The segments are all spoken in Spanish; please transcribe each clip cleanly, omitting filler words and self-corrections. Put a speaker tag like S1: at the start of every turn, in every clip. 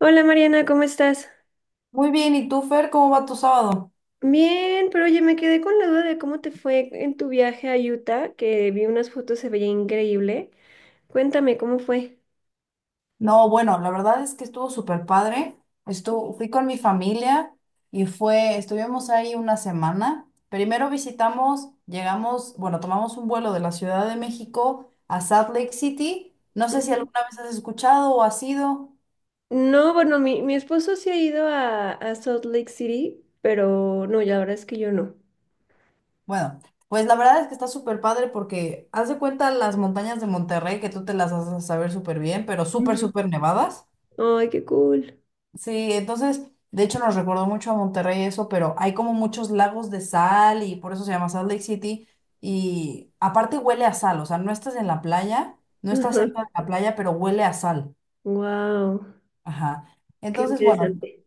S1: Hola Mariana, ¿cómo estás?
S2: Muy bien, ¿y tú, Fer, cómo va tu sábado?
S1: Bien, pero oye, me quedé con la duda de cómo te fue en tu viaje a Utah, que vi unas fotos, se veía increíble. Cuéntame, ¿cómo fue?
S2: No, bueno, la verdad es que estuvo súper padre. Estuvo, fui con mi familia y fue, estuvimos ahí una semana. Primero visitamos, llegamos, bueno, tomamos un vuelo de la Ciudad de México a Salt Lake City. No sé si
S1: Ujú.
S2: alguna vez has escuchado o has ido.
S1: No, bueno, mi esposo sí ha ido a Salt Lake City, pero no, ya la verdad es que yo no.
S2: Bueno, pues la verdad es que está súper padre porque haz de cuenta las montañas de Monterrey, que tú te las haces saber súper bien, pero súper,
S1: Ujú.
S2: súper nevadas.
S1: Ay, qué cool.
S2: Sí, entonces, de hecho nos recordó mucho a Monterrey eso, pero hay como muchos lagos de sal y por eso se llama Salt Lake City. Y aparte huele a sal, o sea, no estás en la playa, no estás
S1: Ajá.
S2: cerca de la playa, pero huele a sal.
S1: Wow,
S2: Ajá.
S1: qué
S2: Entonces, bueno,
S1: interesante.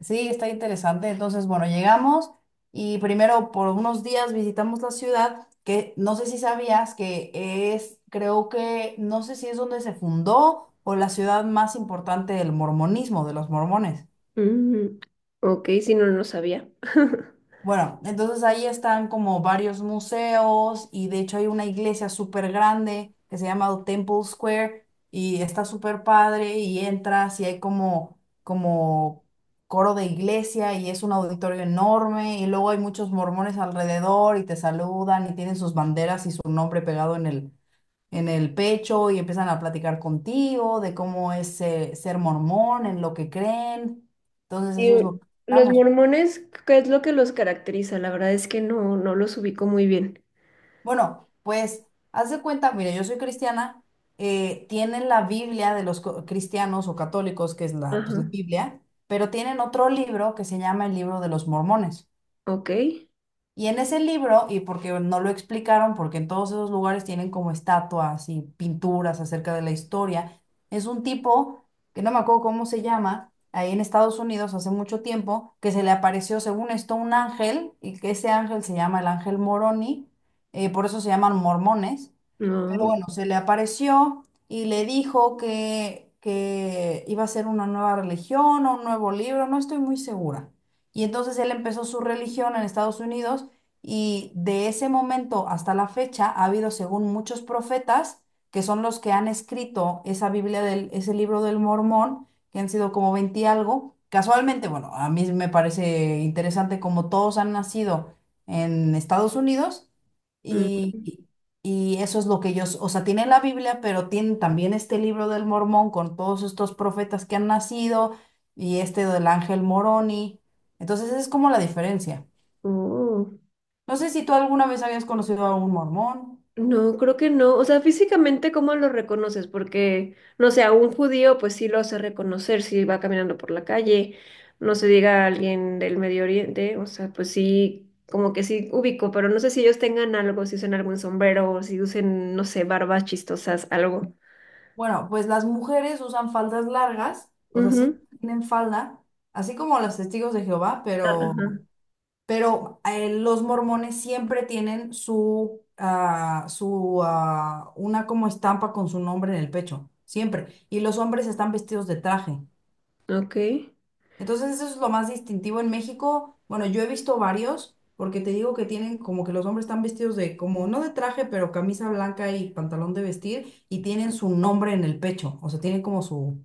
S2: sí, está interesante. Entonces, bueno, llegamos y primero por unos días visitamos la ciudad, que no sé si sabías que es, creo que, no sé si es donde se fundó o la ciudad más importante del mormonismo, de los mormones.
S1: Ujú. Ok, si no, no sabía.
S2: Bueno, entonces ahí están como varios museos y de hecho hay una iglesia súper grande que se llama Temple Square y está súper padre y entras y hay como coro de iglesia y es un auditorio enorme y luego hay muchos mormones alrededor y te saludan y tienen sus banderas y su nombre pegado en en el pecho y empiezan a platicar contigo de cómo es ser mormón, en lo que creen. Entonces eso es
S1: Y
S2: lo que
S1: los
S2: estamos.
S1: mormones, ¿qué es lo que los caracteriza? La verdad es que no, no los ubico muy bien.
S2: Bueno, pues haz de cuenta, mire, yo soy cristiana, tienen la Biblia de los co- cristianos o católicos, que es la, pues, la
S1: Ajá.
S2: Biblia, pero tienen otro libro que se llama el libro de los mormones.
S1: Ok.
S2: Y en ese libro, y porque no lo explicaron, porque en todos esos lugares tienen como estatuas y pinturas acerca de la historia, es un tipo, que no me acuerdo cómo se llama, ahí en Estados Unidos hace mucho tiempo, que se le apareció, según esto, un ángel, y que ese ángel se llama el ángel Moroni, por eso se llaman mormones. Pero
S1: No.
S2: bueno, se le apareció y le dijo que iba a ser una nueva religión o un nuevo libro, no estoy muy segura. Y entonces él empezó su religión en Estados Unidos y de ese momento hasta la fecha ha habido, según muchos profetas, que son los que han escrito esa Biblia del, ese libro del Mormón, que han sido como 20 y algo. Casualmente, bueno, a mí me parece interesante como todos han nacido en Estados Unidos
S1: mm,
S2: y y eso es lo que ellos, o sea, tienen la Biblia, pero tienen también este libro del Mormón con todos estos profetas que han nacido y este del Ángel Moroni. Entonces, esa es como la diferencia.
S1: Oh.
S2: No sé si tú alguna vez habías conocido a algún mormón.
S1: No, creo que no. O sea, físicamente, ¿cómo lo reconoces? Porque, no sé, a un judío, pues sí lo hace reconocer si va caminando por la calle. No se diga a alguien del Medio Oriente. O sea, pues sí, como que sí ubico, pero no sé si ellos tengan algo, si usan algún sombrero o si usen, no sé, barbas chistosas, algo.
S2: Bueno, pues las mujeres usan faldas largas, o sea, sí
S1: Ujú.
S2: tienen falda, así como los testigos de Jehová,
S1: Ajá.
S2: pero los mormones siempre tienen su una como estampa con su nombre en el pecho, siempre. Y los hombres están vestidos de traje.
S1: Ok.
S2: Entonces eso es lo más distintivo en México. Bueno, yo he visto varios, porque te digo que tienen como que los hombres están vestidos de como, no de traje, pero camisa blanca y pantalón de vestir, y tienen su nombre en el pecho, o sea, tienen como su,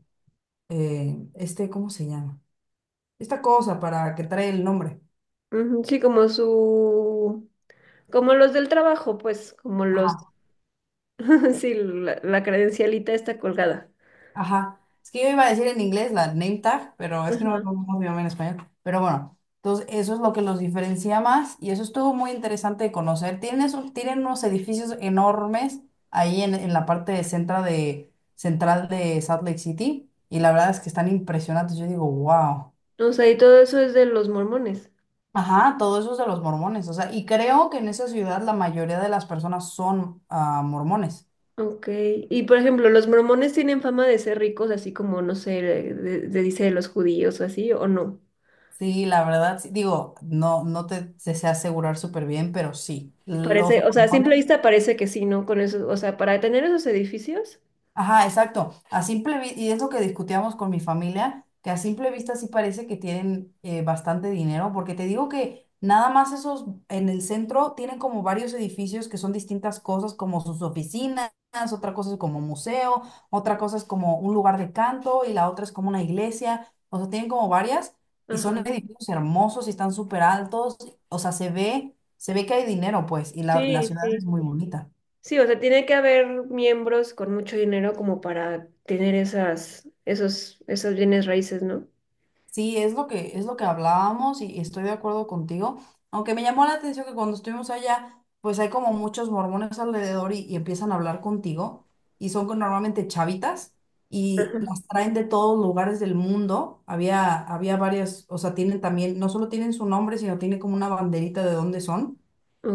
S2: ¿cómo se llama? Esta cosa para que trae el nombre.
S1: Ujú. Sí, como su, como los del trabajo, pues, como los… Sí, la credencialita está colgada.
S2: Ajá. Es que yo iba a decir en inglés la name tag, pero es que no me
S1: Ajá.
S2: acuerdo cómo se llama en español. Pero bueno, entonces eso es lo que los diferencia más y eso estuvo muy interesante de conocer. Tienen, esos- tienen unos edificios enormes ahí en la parte de centra de, central de Salt Lake City y la verdad es que están impresionantes. Yo digo, wow.
S1: O sea, ¿y todo eso es de los mormones?
S2: Ajá, todo eso es de los mormones. O sea, y creo que en esa ciudad la mayoría de las personas son mormones.
S1: Ok. Y por ejemplo, los mormones tienen fama de ser ricos, así como, no sé, de, dice de los judíos o así, o no.
S2: Sí, la verdad, sí. Digo, no, no te, te sé asegurar súper bien, pero sí.
S1: Parece,
S2: Los
S1: o sea, a
S2: mormones
S1: simple vista parece que sí, ¿no? Con eso, o sea, para tener esos edificios.
S2: ajá, exacto. A simple vista, y es lo que discutíamos con mi familia, que a simple vista sí parece que tienen bastante dinero, porque te digo que nada más esos en el centro tienen como varios edificios que son distintas cosas, como sus oficinas, otra cosa es como museo, otra cosa es como un lugar de canto y la otra es como una iglesia. O sea, tienen como varias y son
S1: Ajá.
S2: edificios hermosos y están súper altos. O sea, se ve que hay dinero, pues, y la
S1: Sí,
S2: ciudad es
S1: sí.
S2: muy bonita.
S1: Sí, o sea, tiene que haber miembros con mucho dinero como para tener esas, esos, esos bienes raíces, ¿no?
S2: Sí, es lo que hablábamos y estoy de acuerdo contigo. Aunque me llamó la atención que cuando estuvimos allá, pues hay como muchos mormones alrededor y empiezan a hablar contigo y son con- normalmente chavitas y
S1: Ajá.
S2: las traen de todos lugares del mundo. Había, había varias, o sea, tienen también, no solo tienen su nombre, sino tienen como una banderita de dónde son.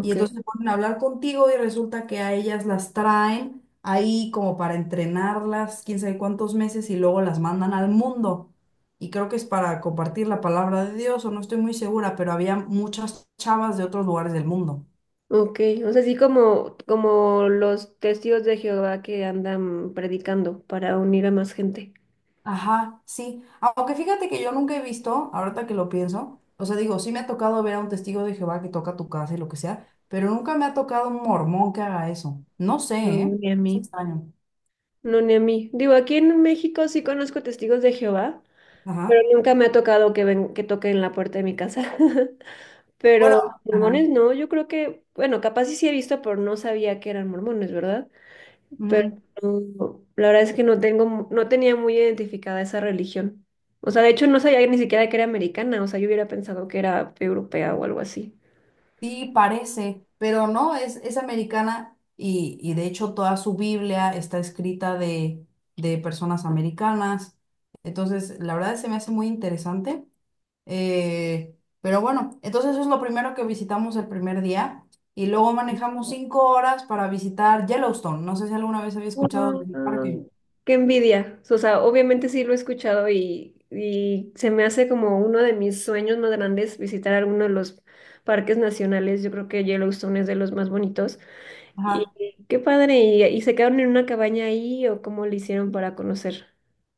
S2: Y entonces se ponen a hablar contigo y resulta que a ellas las traen ahí como para entrenarlas, quién sabe cuántos meses y luego las mandan al mundo y creo que es para compartir la palabra de Dios, o no estoy muy segura, pero había muchas chavas de otros lugares del mundo.
S1: Ok, o sea, así como, como los testigos de Jehová que andan predicando para unir a más gente.
S2: Ajá, sí. Aunque fíjate que yo nunca he visto, ahorita que lo pienso, o sea, digo, sí me ha tocado ver a un testigo de Jehová que toca tu casa y lo que sea, pero nunca me ha tocado un mormón que haga eso. No sé,
S1: No,
S2: ¿eh?
S1: ni a
S2: Es
S1: mí.
S2: extraño.
S1: No, ni a mí. Digo, aquí en México sí conozco testigos de Jehová, pero
S2: Ajá.
S1: nunca me ha tocado que ven, que toquen la puerta de mi casa.
S2: Bueno,
S1: Pero
S2: ajá.
S1: mormones no, yo creo que, bueno, capaz sí, sí he visto, pero no sabía que eran mormones, ¿verdad? Pero
S2: Ujú.
S1: la verdad es que no tengo, no tenía muy identificada esa religión. O sea, de hecho no sabía ni siquiera que era americana, o sea, yo hubiera pensado que era europea o algo así.
S2: Sí, parece, pero no, es americana y de hecho toda su Biblia está escrita de personas americanas. Entonces, la verdad se me hace muy interesante. Pero bueno, entonces eso es lo primero que visitamos el primer día y luego manejamos 5 horas para visitar Yellowstone. No sé si alguna vez había escuchado
S1: Guau,
S2: del parque.
S1: qué envidia. O sea, obviamente sí lo he escuchado y se me hace como uno de mis sueños más grandes visitar alguno de los parques nacionales. Yo creo que Yellowstone es de los más bonitos.
S2: Ajá.
S1: Y qué padre. Y se quedaron en una cabaña ahí o cómo le hicieron para conocer?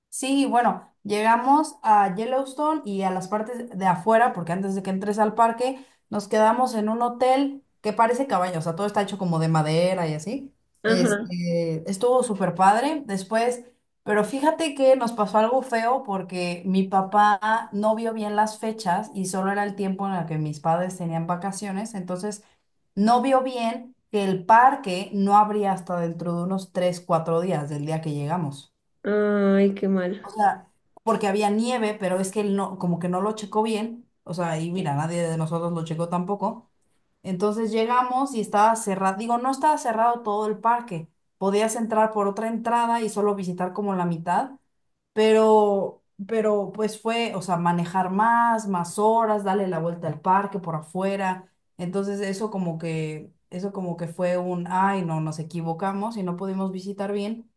S2: Sí, bueno, llegamos a Yellowstone y a las partes de afuera, porque antes de que entres al parque, nos quedamos en un hotel que parece cabaña, o sea, todo está hecho como de madera y así.
S1: Ajá.
S2: Este, estuvo súper padre después, pero fíjate que nos pasó algo feo porque mi papá no vio bien las fechas y solo era el tiempo en el que mis padres tenían vacaciones, entonces no vio bien que el parque no abría hasta dentro de unos 3, 4 días del día que llegamos.
S1: Ay, qué
S2: O
S1: mal.
S2: sea, porque había nieve, pero es que él no, como que no lo checó bien. O sea, y mira, nadie de nosotros lo checó tampoco. Entonces llegamos y estaba cerrado. Digo, no estaba cerrado todo el parque. Podías entrar por otra entrada y solo visitar como la mitad. Pero pues fue, o sea, manejar más, más horas, darle la vuelta al parque por afuera. Entonces eso como que fue un, ay, no, nos equivocamos y no pudimos visitar bien.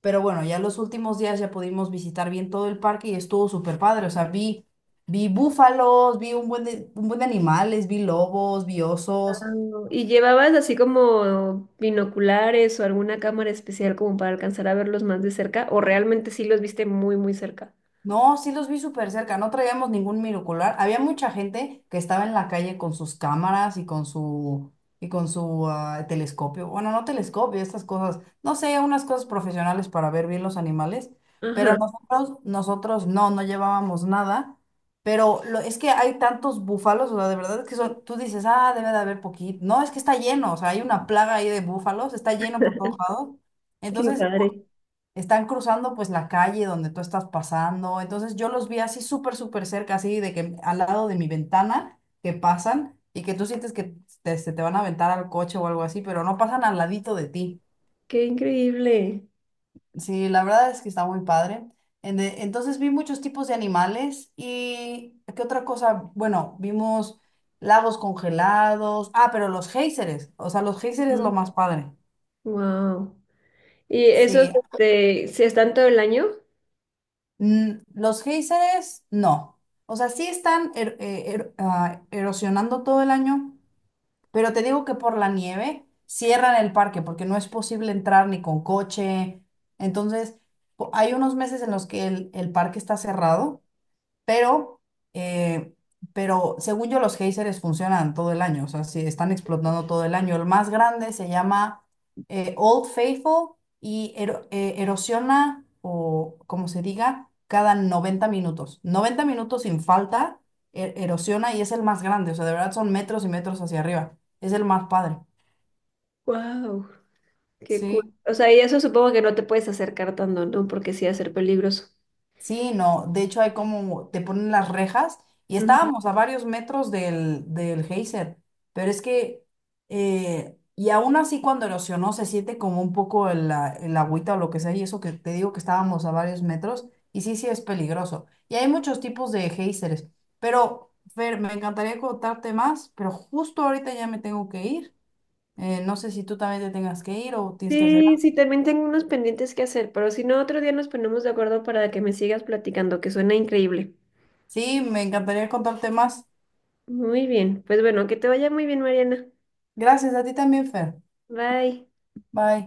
S2: Pero bueno, ya los últimos días ya pudimos visitar bien todo el parque y estuvo súper padre. O sea, vi, vi búfalos, vi un buen de animales, vi lobos, vi osos.
S1: ¿Y llevabas así como binoculares o alguna cámara especial como para alcanzar a verlos más de cerca? ¿O realmente sí los viste muy, muy cerca?
S2: No, sí los vi súper cerca, no traíamos ningún minocular. Había mucha gente que estaba en la calle con sus cámaras y con su telescopio. Bueno, no telescopio, estas cosas, no sé, unas cosas profesionales para ver bien los animales, pero
S1: Ajá,
S2: nosotros no llevábamos nada, pero lo, es que hay tantos búfalos, o sea, de verdad es que son, tú dices, "Ah, debe de haber poquito." No, es que está lleno, o sea, hay una plaga ahí de búfalos, está lleno por todos lados.
S1: qué
S2: Entonces,
S1: padre,
S2: están cruzando pues la calle donde tú estás pasando. Entonces yo los vi así súper cerca, así de que al lado de mi ventana que pasan y que tú sientes que te, se te van a aventar al coche o algo así, pero no pasan al ladito de ti.
S1: qué increíble.
S2: Sí, la verdad es que está muy padre. En de- Entonces vi muchos tipos de animales y ¿qué otra cosa? Bueno, vimos lagos congelados. Ah, pero los géiseres. O sea, los géiseres es
S1: Mm.
S2: lo más padre.
S1: Wow. ¿Y esos
S2: Sí.
S1: este, se están todo el año?
S2: Mm, los géiseres, no. O sea, sí están er- er- erosionando todo el año, pero te digo que por la nieve cierran el parque porque no es posible entrar ni con coche. Entonces, po- hay unos meses en los que el parque está cerrado pero, eh, pero según yo, los géiseres funcionan todo el año, o sea, sí, están explotando todo el año. El más grande se llama Old Faithful y ero- erosiona, o como se diga, cada 90 minutos. 90 minutos sin falta, e- erosiona y es el más grande, o sea, de verdad son metros y metros hacia arriba. Es el más padre.
S1: Wow, qué cool.
S2: Sí.
S1: O sea, y eso supongo que no te puedes acercar tanto, ¿no? Porque sí va a ser peligroso.
S2: Sí, no, de hecho hay como, te ponen las rejas y
S1: Ujú.
S2: estábamos a varios metros del, del geyser, pero es que, y aún así cuando erosionó se siente como un poco el, a- el agüita o lo que sea, y eso que te digo que estábamos a varios metros, y sí, sí es peligroso. Y hay muchos tipos de géiseres, pero Fer, me encantaría contarte más, pero justo ahorita ya me tengo que ir. No sé si tú también te tengas que ir o tienes que hacer
S1: Sí,
S2: algo.
S1: sí, también tengo unos pendientes que hacer, pero si no, otro día nos ponemos de acuerdo para que me sigas platicando, que suena increíble.
S2: Sí, me encantaría contarte más.
S1: Muy bien, pues bueno, que te vaya muy bien, Mariana.
S2: Gracias a ti también, Fer.
S1: Bye.
S2: Bye.